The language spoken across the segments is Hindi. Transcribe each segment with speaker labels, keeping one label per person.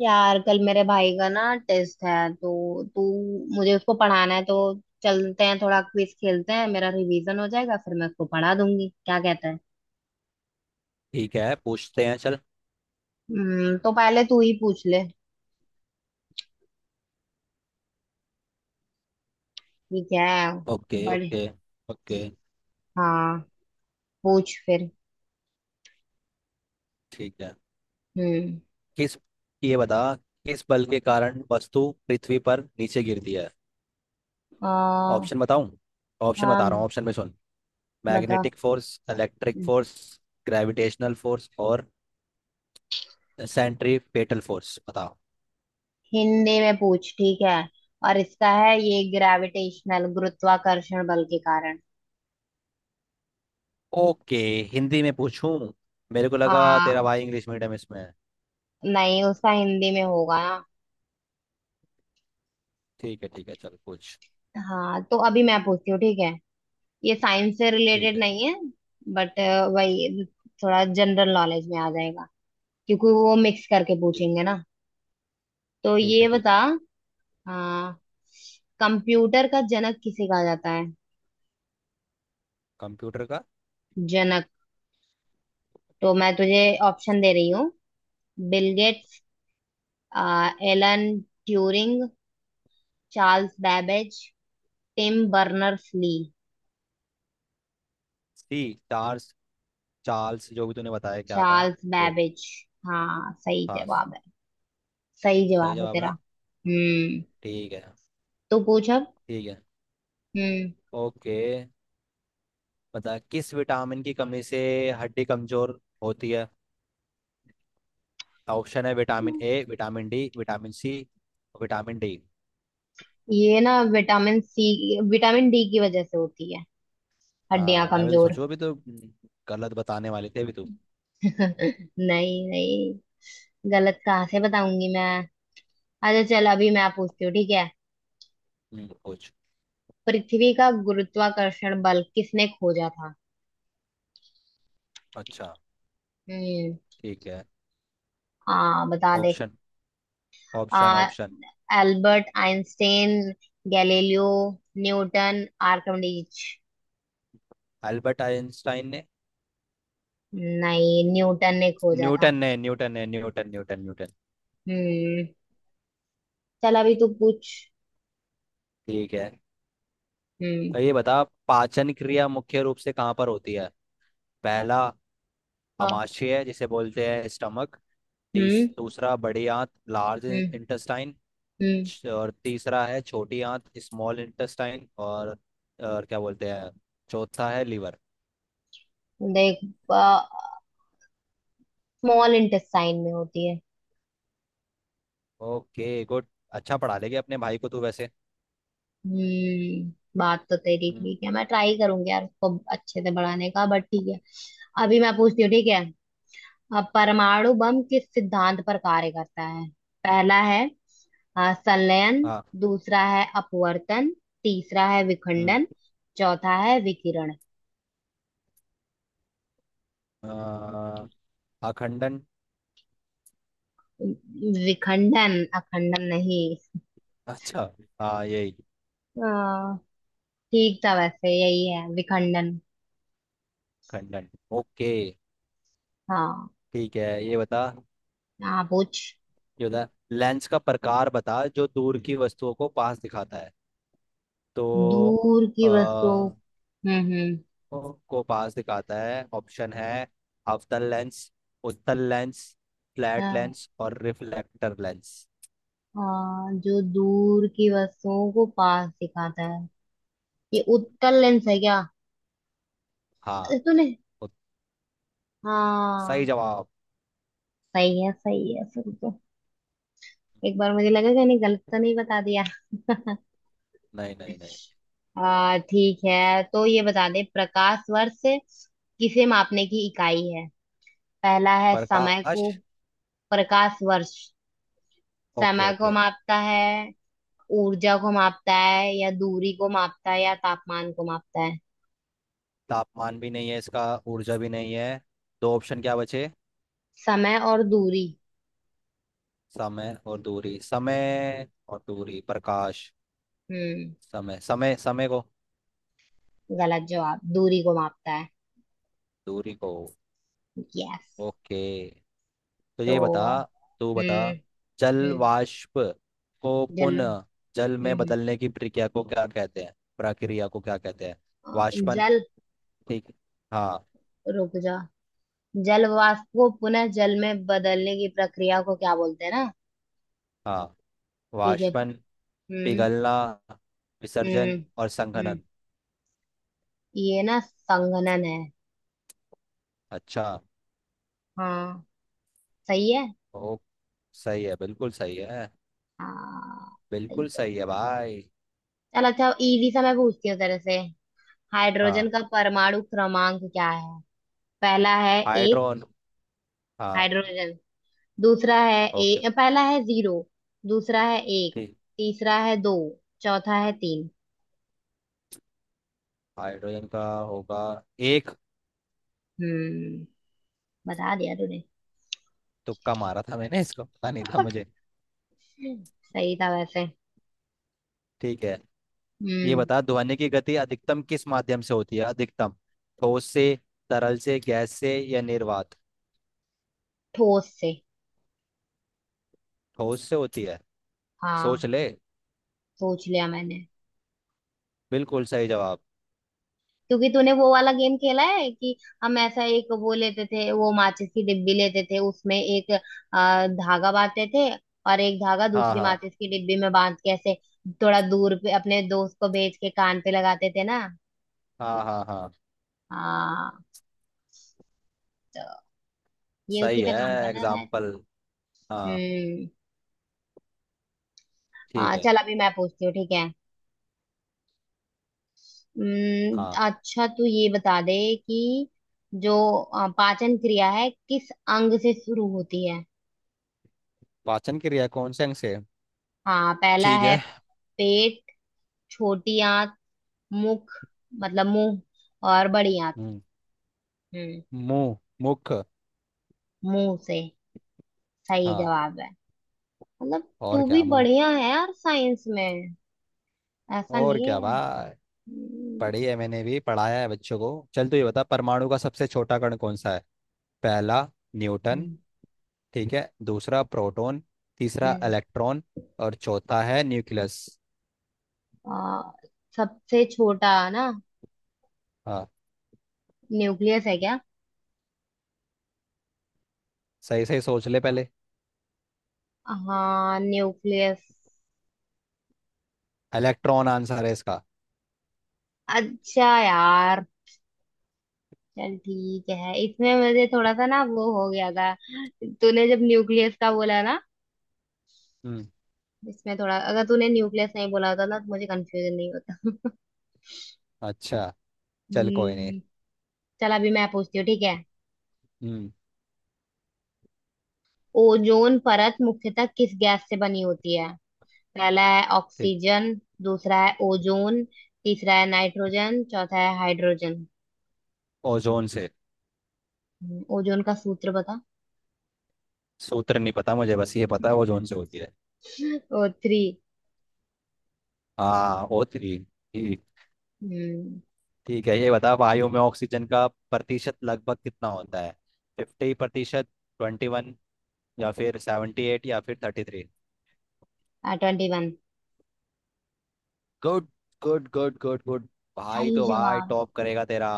Speaker 1: यार कल मेरे भाई का ना टेस्ट है तो तू मुझे उसको पढ़ाना है तो चलते हैं थोड़ा क्विज खेलते हैं। मेरा रिवीजन हो जाएगा फिर मैं उसको पढ़ा दूंगी। क्या कहता है।
Speaker 2: ठीक है, पूछते हैं। चल।
Speaker 1: तो पहले तू ही पूछ ले। ठीक है।
Speaker 2: ओके,
Speaker 1: बड़े।
Speaker 2: Okay, okay.
Speaker 1: हाँ पूछ फिर।
Speaker 2: ठीक है।
Speaker 1: हम्म।
Speaker 2: किस ये बता, किस बल के कारण वस्तु पृथ्वी पर नीचे गिरती है?
Speaker 1: आ,
Speaker 2: ऑप्शन बताऊं? ऑप्शन बता रहा
Speaker 1: हाँ
Speaker 2: हूँ, ऑप्शन में सुन।
Speaker 1: बता।
Speaker 2: Magnetic force, electric force, gravitational force और सेंट्रीपेटल फोर्स। बताओ।
Speaker 1: हिंदी में पूछ ठीक है। और इसका है ये ग्रेविटेशनल गुरुत्वाकर्षण बल के कारण।
Speaker 2: ओके। हिंदी में पूछूं? मेरे को लगा तेरा
Speaker 1: हाँ।
Speaker 2: भाई इंग्लिश मीडियम इसमें है।
Speaker 1: नहीं उसका हिंदी में होगा ना।
Speaker 2: ठीक है, ठीक है, चल पूछ।
Speaker 1: हाँ तो अभी मैं पूछती हूँ ठीक है। ये साइंस से
Speaker 2: ठीक
Speaker 1: रिलेटेड
Speaker 2: है
Speaker 1: नहीं है, बट वही थोड़ा जनरल नॉलेज में आ जाएगा क्योंकि वो मिक्स करके
Speaker 2: ठीक
Speaker 1: पूछेंगे ना। तो
Speaker 2: ठीक है,
Speaker 1: ये
Speaker 2: ठीक
Speaker 1: बता।
Speaker 2: है।
Speaker 1: हाँ कंप्यूटर का जनक किसे कहा जाता है।
Speaker 2: कंप्यूटर का...
Speaker 1: जनक। तो मैं तुझे ऑप्शन दे रही हूँ। Bill Gates, Alan Turing, Charles Babbage, Tim Berners Lee.
Speaker 2: सी। चार। चार्ल्स, जो भी तूने बताया, क्या था?
Speaker 1: चार्ल्स
Speaker 2: वो
Speaker 1: बैबेज। हाँ सही
Speaker 2: था?
Speaker 1: जवाब है। सही
Speaker 2: सही
Speaker 1: जवाब है
Speaker 2: जवाब
Speaker 1: तेरा।
Speaker 2: ना?
Speaker 1: हम्म।
Speaker 2: ठीक है।
Speaker 1: तू पूछ अब।
Speaker 2: ठीक है।
Speaker 1: हम्म।
Speaker 2: ओके, बता। किस विटामिन की कमी से हड्डी कमजोर होती है? ऑप्शन है vitamin A, vitamin D, vitamin C, vitamin D.
Speaker 1: ये ना विटामिन सी विटामिन डी की वजह से होती है, हड्डियां
Speaker 2: हाँ, मैं भी तो
Speaker 1: कमजोर।
Speaker 2: सोचूं अभी तो। गलत बताने वाले थे अभी तो।
Speaker 1: नहीं नहीं, गलत कहाँ से बताऊंगी मैं। अच्छा चल अभी मैं पूछती हूँ ठीक है।
Speaker 2: कुछ
Speaker 1: पृथ्वी का गुरुत्वाकर्षण बल किसने खोजा था।
Speaker 2: अच्छा।
Speaker 1: हम्म।
Speaker 2: ठीक है।
Speaker 1: आ बता दे।
Speaker 2: ऑप्शन, ऑप्शन,
Speaker 1: आ
Speaker 2: option.
Speaker 1: Albert Einstein, Galileo, Newton, Archimedes.
Speaker 2: Albert Einstein ने?
Speaker 1: नहीं न्यूटन ने खोजा था।
Speaker 2: न्यूटन ने, न्यूटन ने, न्यूटन, न्यूटन, न्यूटन।
Speaker 1: हम्म। चल अभी तू पूछ।
Speaker 2: ठीक है।
Speaker 1: हम्म।
Speaker 2: तो ये बता, पाचन क्रिया मुख्य रूप से कहाँ पर होती है? पहला,
Speaker 1: हाँ।
Speaker 2: आमाशय है, जिसे बोलते हैं स्टमक। तीस—
Speaker 1: हम्म।
Speaker 2: दूसरा, बड़ी आंत, लार्ज
Speaker 1: हम्म।
Speaker 2: इंटेस्टाइन।
Speaker 1: हम्म।
Speaker 2: और तीसरा है छोटी आंत, स्मॉल इंटेस्टाइन। और क्या बोलते हैं... चौथा है लीवर।
Speaker 1: देख स्मॉल इंटेस्टाइन में होती है।
Speaker 2: Okay, good. अच्छा, पढ़ा लेंगे अपने भाई को तू वैसे।
Speaker 1: हम्म। बात तो तेरी
Speaker 2: हम्म,
Speaker 1: ठीक है, मैं ट्राई करूंगी यार उसको अच्छे से बढ़ाने का, बट ठीक है। अभी मैं पूछती हूँ ठीक है। अब परमाणु बम किस सिद्धांत पर कार्य करता है। पहला है संलयन,
Speaker 2: हाँ।
Speaker 1: दूसरा है अपवर्तन, तीसरा है
Speaker 2: हम्म,
Speaker 1: विखंडन, चौथा है विकिरण।
Speaker 2: आ, अखंडन।
Speaker 1: विखंडन, अखंडन नहीं।
Speaker 2: अच्छा, हाँ यही।
Speaker 1: हाँ, ठीक था वैसे, यही है विखंडन।
Speaker 2: खंडन। ओके,
Speaker 1: हाँ।
Speaker 2: ठीक है। ये बता
Speaker 1: हाँ पूछ।
Speaker 2: ये बता लेंस का प्रकार बता जो दूर की वस्तुओं को पास दिखाता है। तो...
Speaker 1: दूर की वस्तुओं। हम्म।
Speaker 2: को पास दिखाता है। ऑप्शन है अवतल लेंस, उत्तल लेंस, फ्लैट
Speaker 1: हाँ,
Speaker 2: लेंस और रिफ्लेक्टर लेंस।
Speaker 1: हाँ, जो दूर की वस्तुओं को पास दिखाता है, ये उत्तल लेंस है क्या। अरे
Speaker 2: हाँ।
Speaker 1: तूने।
Speaker 2: उत- सही
Speaker 1: हाँ
Speaker 2: जवाब।
Speaker 1: सही है सही है, सुन तो। एक बार मुझे लगा कि नहीं, गलत तो नहीं बता दिया।
Speaker 2: नहीं, नहीं, नहीं।
Speaker 1: आ ठीक है तो ये बता दे। प्रकाश वर्ष किसे मापने की इकाई है। पहला है समय
Speaker 2: प्रकाश।
Speaker 1: को, प्रकाश वर्ष
Speaker 2: ओके,
Speaker 1: समय को
Speaker 2: ओके।
Speaker 1: मापता है, ऊर्जा को मापता है, या दूरी को मापता है, या तापमान को मापता है।
Speaker 2: तापमान भी नहीं है इसका, ऊर्जा भी नहीं है। दो ऑप्शन क्या बचे?
Speaker 1: समय और दूरी।
Speaker 2: समय और दूरी। समय और दूरी। प्रकाश।
Speaker 1: हम्म।
Speaker 2: समय समय समय को।
Speaker 1: गलत जवाब, दूरी को मापता है।
Speaker 2: दूरी को।
Speaker 1: यस।
Speaker 2: ओके। तो ये बता।
Speaker 1: तो
Speaker 2: तू बता।
Speaker 1: हम्म।
Speaker 2: जल
Speaker 1: हम्म।
Speaker 2: वाष्प को
Speaker 1: जल।
Speaker 2: पुनः जल में
Speaker 1: हम्म।
Speaker 2: बदलने की प्रक्रिया को क्या कहते हैं, प्रक्रिया को क्या कहते हैं?
Speaker 1: अ,
Speaker 2: वाष्पन?
Speaker 1: जल।
Speaker 2: ठीक, हाँ।
Speaker 1: रुक जा। जल वाष्प को पुनः जल में बदलने की प्रक्रिया को क्या बोलते हैं ना।
Speaker 2: हाँ,
Speaker 1: ठीक है।
Speaker 2: वाष्पन,
Speaker 1: हम्म
Speaker 2: पिघलना,
Speaker 1: हम्म
Speaker 2: विसर्जन और
Speaker 1: हम्म।
Speaker 2: संघनन।
Speaker 1: ये ना संघनन है।
Speaker 2: अच्छा।
Speaker 1: हाँ सही है।
Speaker 2: ओ, सही है, बिल्कुल सही है।
Speaker 1: हाँ सही
Speaker 2: बिल्कुल
Speaker 1: तो
Speaker 2: सही
Speaker 1: है।
Speaker 2: है भाई।
Speaker 1: चल अच्छा, इजी सा मैं पूछती हूँ तेरे से।
Speaker 2: हाँ।
Speaker 1: हाइड्रोजन का परमाणु क्रमांक क्या है। पहला है एक।
Speaker 2: हाइड्रोन। हाँ।
Speaker 1: हाइड्रोजन। दूसरा है
Speaker 2: ओके,
Speaker 1: ए, पहला है जीरो, दूसरा है एक,
Speaker 2: ठीक।
Speaker 1: तीसरा है दो, चौथा है तीन।
Speaker 2: हाइड्रोजन का होगा... एक।
Speaker 1: हम्म। बता दिया तूने।
Speaker 2: तुक्का मारा था मैंने, इसको पता नहीं था मुझे।
Speaker 1: सही था वैसे।
Speaker 2: ठीक है। ये
Speaker 1: हम्म।
Speaker 2: बता, ध्वनि की गति अधिकतम किस माध्यम से होती है? अधिकतम ठोस से, तरल से, गैस से या निर्वात?
Speaker 1: ठोस से।
Speaker 2: ठोस से होती है।
Speaker 1: हाँ।
Speaker 2: सोच ले।
Speaker 1: सोच लिया मैंने।
Speaker 2: बिल्कुल सही जवाब।
Speaker 1: क्योंकि तूने वो वाला गेम खेला है कि हम ऐसा एक वो लेते थे, वो माचिस की डिब्बी लेते थे, उसमें एक धागा बांधते थे, और एक धागा
Speaker 2: हाँ,
Speaker 1: दूसरी
Speaker 2: हाँ,
Speaker 1: माचिस की डिब्बी में बांध के ऐसे थोड़ा दूर पे अपने दोस्त को भेज के कान पे लगाते थे ना।
Speaker 2: हाँ, हाँ, हाँ।
Speaker 1: हाँ। तो ये उसी
Speaker 2: सही
Speaker 1: पे
Speaker 2: है।
Speaker 1: काम करता था।
Speaker 2: एग्जाम्पल। हाँ।
Speaker 1: हम्म। हाँ
Speaker 2: ठीक है।
Speaker 1: चल अभी मैं पूछती हूँ ठीक है।
Speaker 2: हाँ।
Speaker 1: अच्छा, तू ये बता दे कि जो पाचन क्रिया है किस अंग से शुरू होती है।
Speaker 2: पाचन क्रिया कौन से अंग से है?
Speaker 1: हाँ पहला
Speaker 2: ठीक
Speaker 1: है
Speaker 2: है।
Speaker 1: पेट, छोटी आंत, मुख मतलब मुंह, और बड़ी आंत।
Speaker 2: हम्म,
Speaker 1: हम्म।
Speaker 2: मुंह, मुख।
Speaker 1: मुंह से, सही
Speaker 2: हाँ,
Speaker 1: जवाब है। मतलब।
Speaker 2: और
Speaker 1: तू भी
Speaker 2: क्या? मुंह।
Speaker 1: बढ़िया है यार साइंस में, ऐसा
Speaker 2: और
Speaker 1: नहीं
Speaker 2: क्या
Speaker 1: है।
Speaker 2: भाई,
Speaker 1: हम्म।
Speaker 2: पढ़ी है, मैंने भी पढ़ाया है बच्चों को। चल, तू ये बता, परमाणु का सबसे छोटा कण कौन सा है? पहला, न्यूटन।
Speaker 1: हम्म।
Speaker 2: ठीक है। दूसरा, प्रोटॉन। तीसरा,
Speaker 1: हम्म।
Speaker 2: इलेक्ट्रॉन। और चौथा है न्यूक्लियस।
Speaker 1: आ, सबसे छोटा ना।
Speaker 2: हाँ।
Speaker 1: न्यूक्लियस है क्या।
Speaker 2: सही सही सोच ले पहले।
Speaker 1: हाँ न्यूक्लियस।
Speaker 2: इलेक्ट्रॉन आंसर है इसका।
Speaker 1: अच्छा यार, चल ठीक है, इसमें मुझे थोड़ा सा ना वो हो गया था। तूने जब न्यूक्लियस का बोला ना,
Speaker 2: हम्म।
Speaker 1: इसमें थोड़ा, अगर तूने न्यूक्लियस नहीं बोला होता ना तो मुझे कंफ्यूजन नहीं होता।
Speaker 2: अच्छा, चल, कोई नहीं।
Speaker 1: हम्म। चल अभी मैं पूछती हूँ ठीक है।
Speaker 2: हम्म।
Speaker 1: ओजोन परत मुख्यतः किस गैस से बनी होती है। पहला है
Speaker 2: ठीक।
Speaker 1: ऑक्सीजन, दूसरा है ओजोन, तीसरा है नाइट्रोजन, चौथा है हाइड्रोजन।
Speaker 2: ओजोन से।
Speaker 1: ओजोन का सूत्र बता।
Speaker 2: सूत्र नहीं पता मुझे, बस ये पता है ओजोन से होती है।
Speaker 1: O3।
Speaker 2: हाँ, O3। ठीक।
Speaker 1: हम्म।
Speaker 2: ठीक है, ये बता, वायु में ऑक्सीजन का प्रतिशत लगभग कितना होता है? 50%, 21, या फिर 78, या फिर 33?
Speaker 1: 21।
Speaker 2: Good. Good, good, good, good. भाई
Speaker 1: सही
Speaker 2: तो भाई,
Speaker 1: जवाब।
Speaker 2: टॉप करेगा तेरा।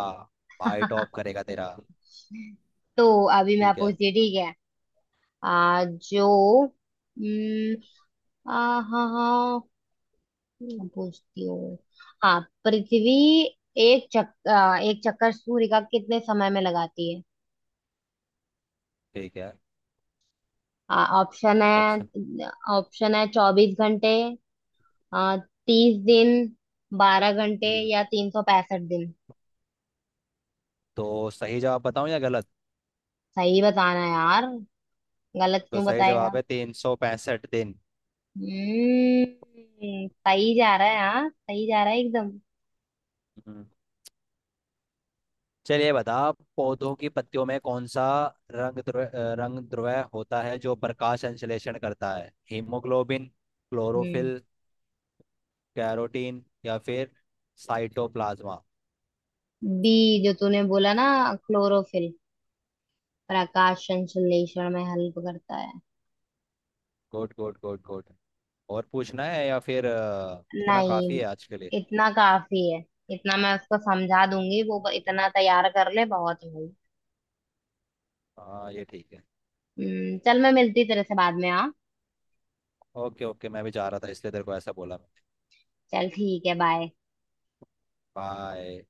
Speaker 2: भाई टॉप करेगा तेरा।
Speaker 1: तो अभी मैं
Speaker 2: ठीक है।
Speaker 1: पूछती हूँ ठीक है। आ, जो हम्म, हाँ हाँ मैं पूछती हूँ। हाँ पृथ्वी एक चक्कर सूर्य का कितने समय में लगाती है।
Speaker 2: ठीक है।
Speaker 1: Option
Speaker 2: option.
Speaker 1: है। ऑप्शन है 24 घंटे, 30 दिन, 12 घंटे,
Speaker 2: हम्म,
Speaker 1: या 365 दिन।
Speaker 2: तो सही जवाब बताऊं या गलत?
Speaker 1: सही बताना यार, गलत
Speaker 2: तो
Speaker 1: क्यों
Speaker 2: सही
Speaker 1: बताएगा।
Speaker 2: जवाब है 365 दिन।
Speaker 1: सही जा रहा है, हाँ सही जा रहा है एकदम।
Speaker 2: हम्म। चलिए बता, पौधों की पत्तियों में कौन सा रंग द्रव्य, रंग द्रव्य होता है जो प्रकाश संश्लेषण करता है? हीमोग्लोबिन,
Speaker 1: हम्म।
Speaker 2: क्लोरोफिल, कैरोटीन या फिर साइटोप्लाज्मा?
Speaker 1: बी, जो तूने बोला ना क्लोरोफिल, प्रकाश संश्लेषण में हेल्प करता है।
Speaker 2: Good, good, good, good. और पूछना है या फिर इतना काफ़ी
Speaker 1: नहीं,
Speaker 2: है आज के लिए?
Speaker 1: इतना काफी है, इतना मैं उसको समझा दूंगी। वो इतना तैयार कर ले, बहुत है भाई।
Speaker 2: हाँ, ये ठीक है।
Speaker 1: चल मैं मिलती तेरे से बाद में हाँ।
Speaker 2: ओके, ओके, मैं भी जा रहा था इसलिए तेरे को ऐसा बोला।
Speaker 1: चल ठीक है, बाय।
Speaker 2: बाय।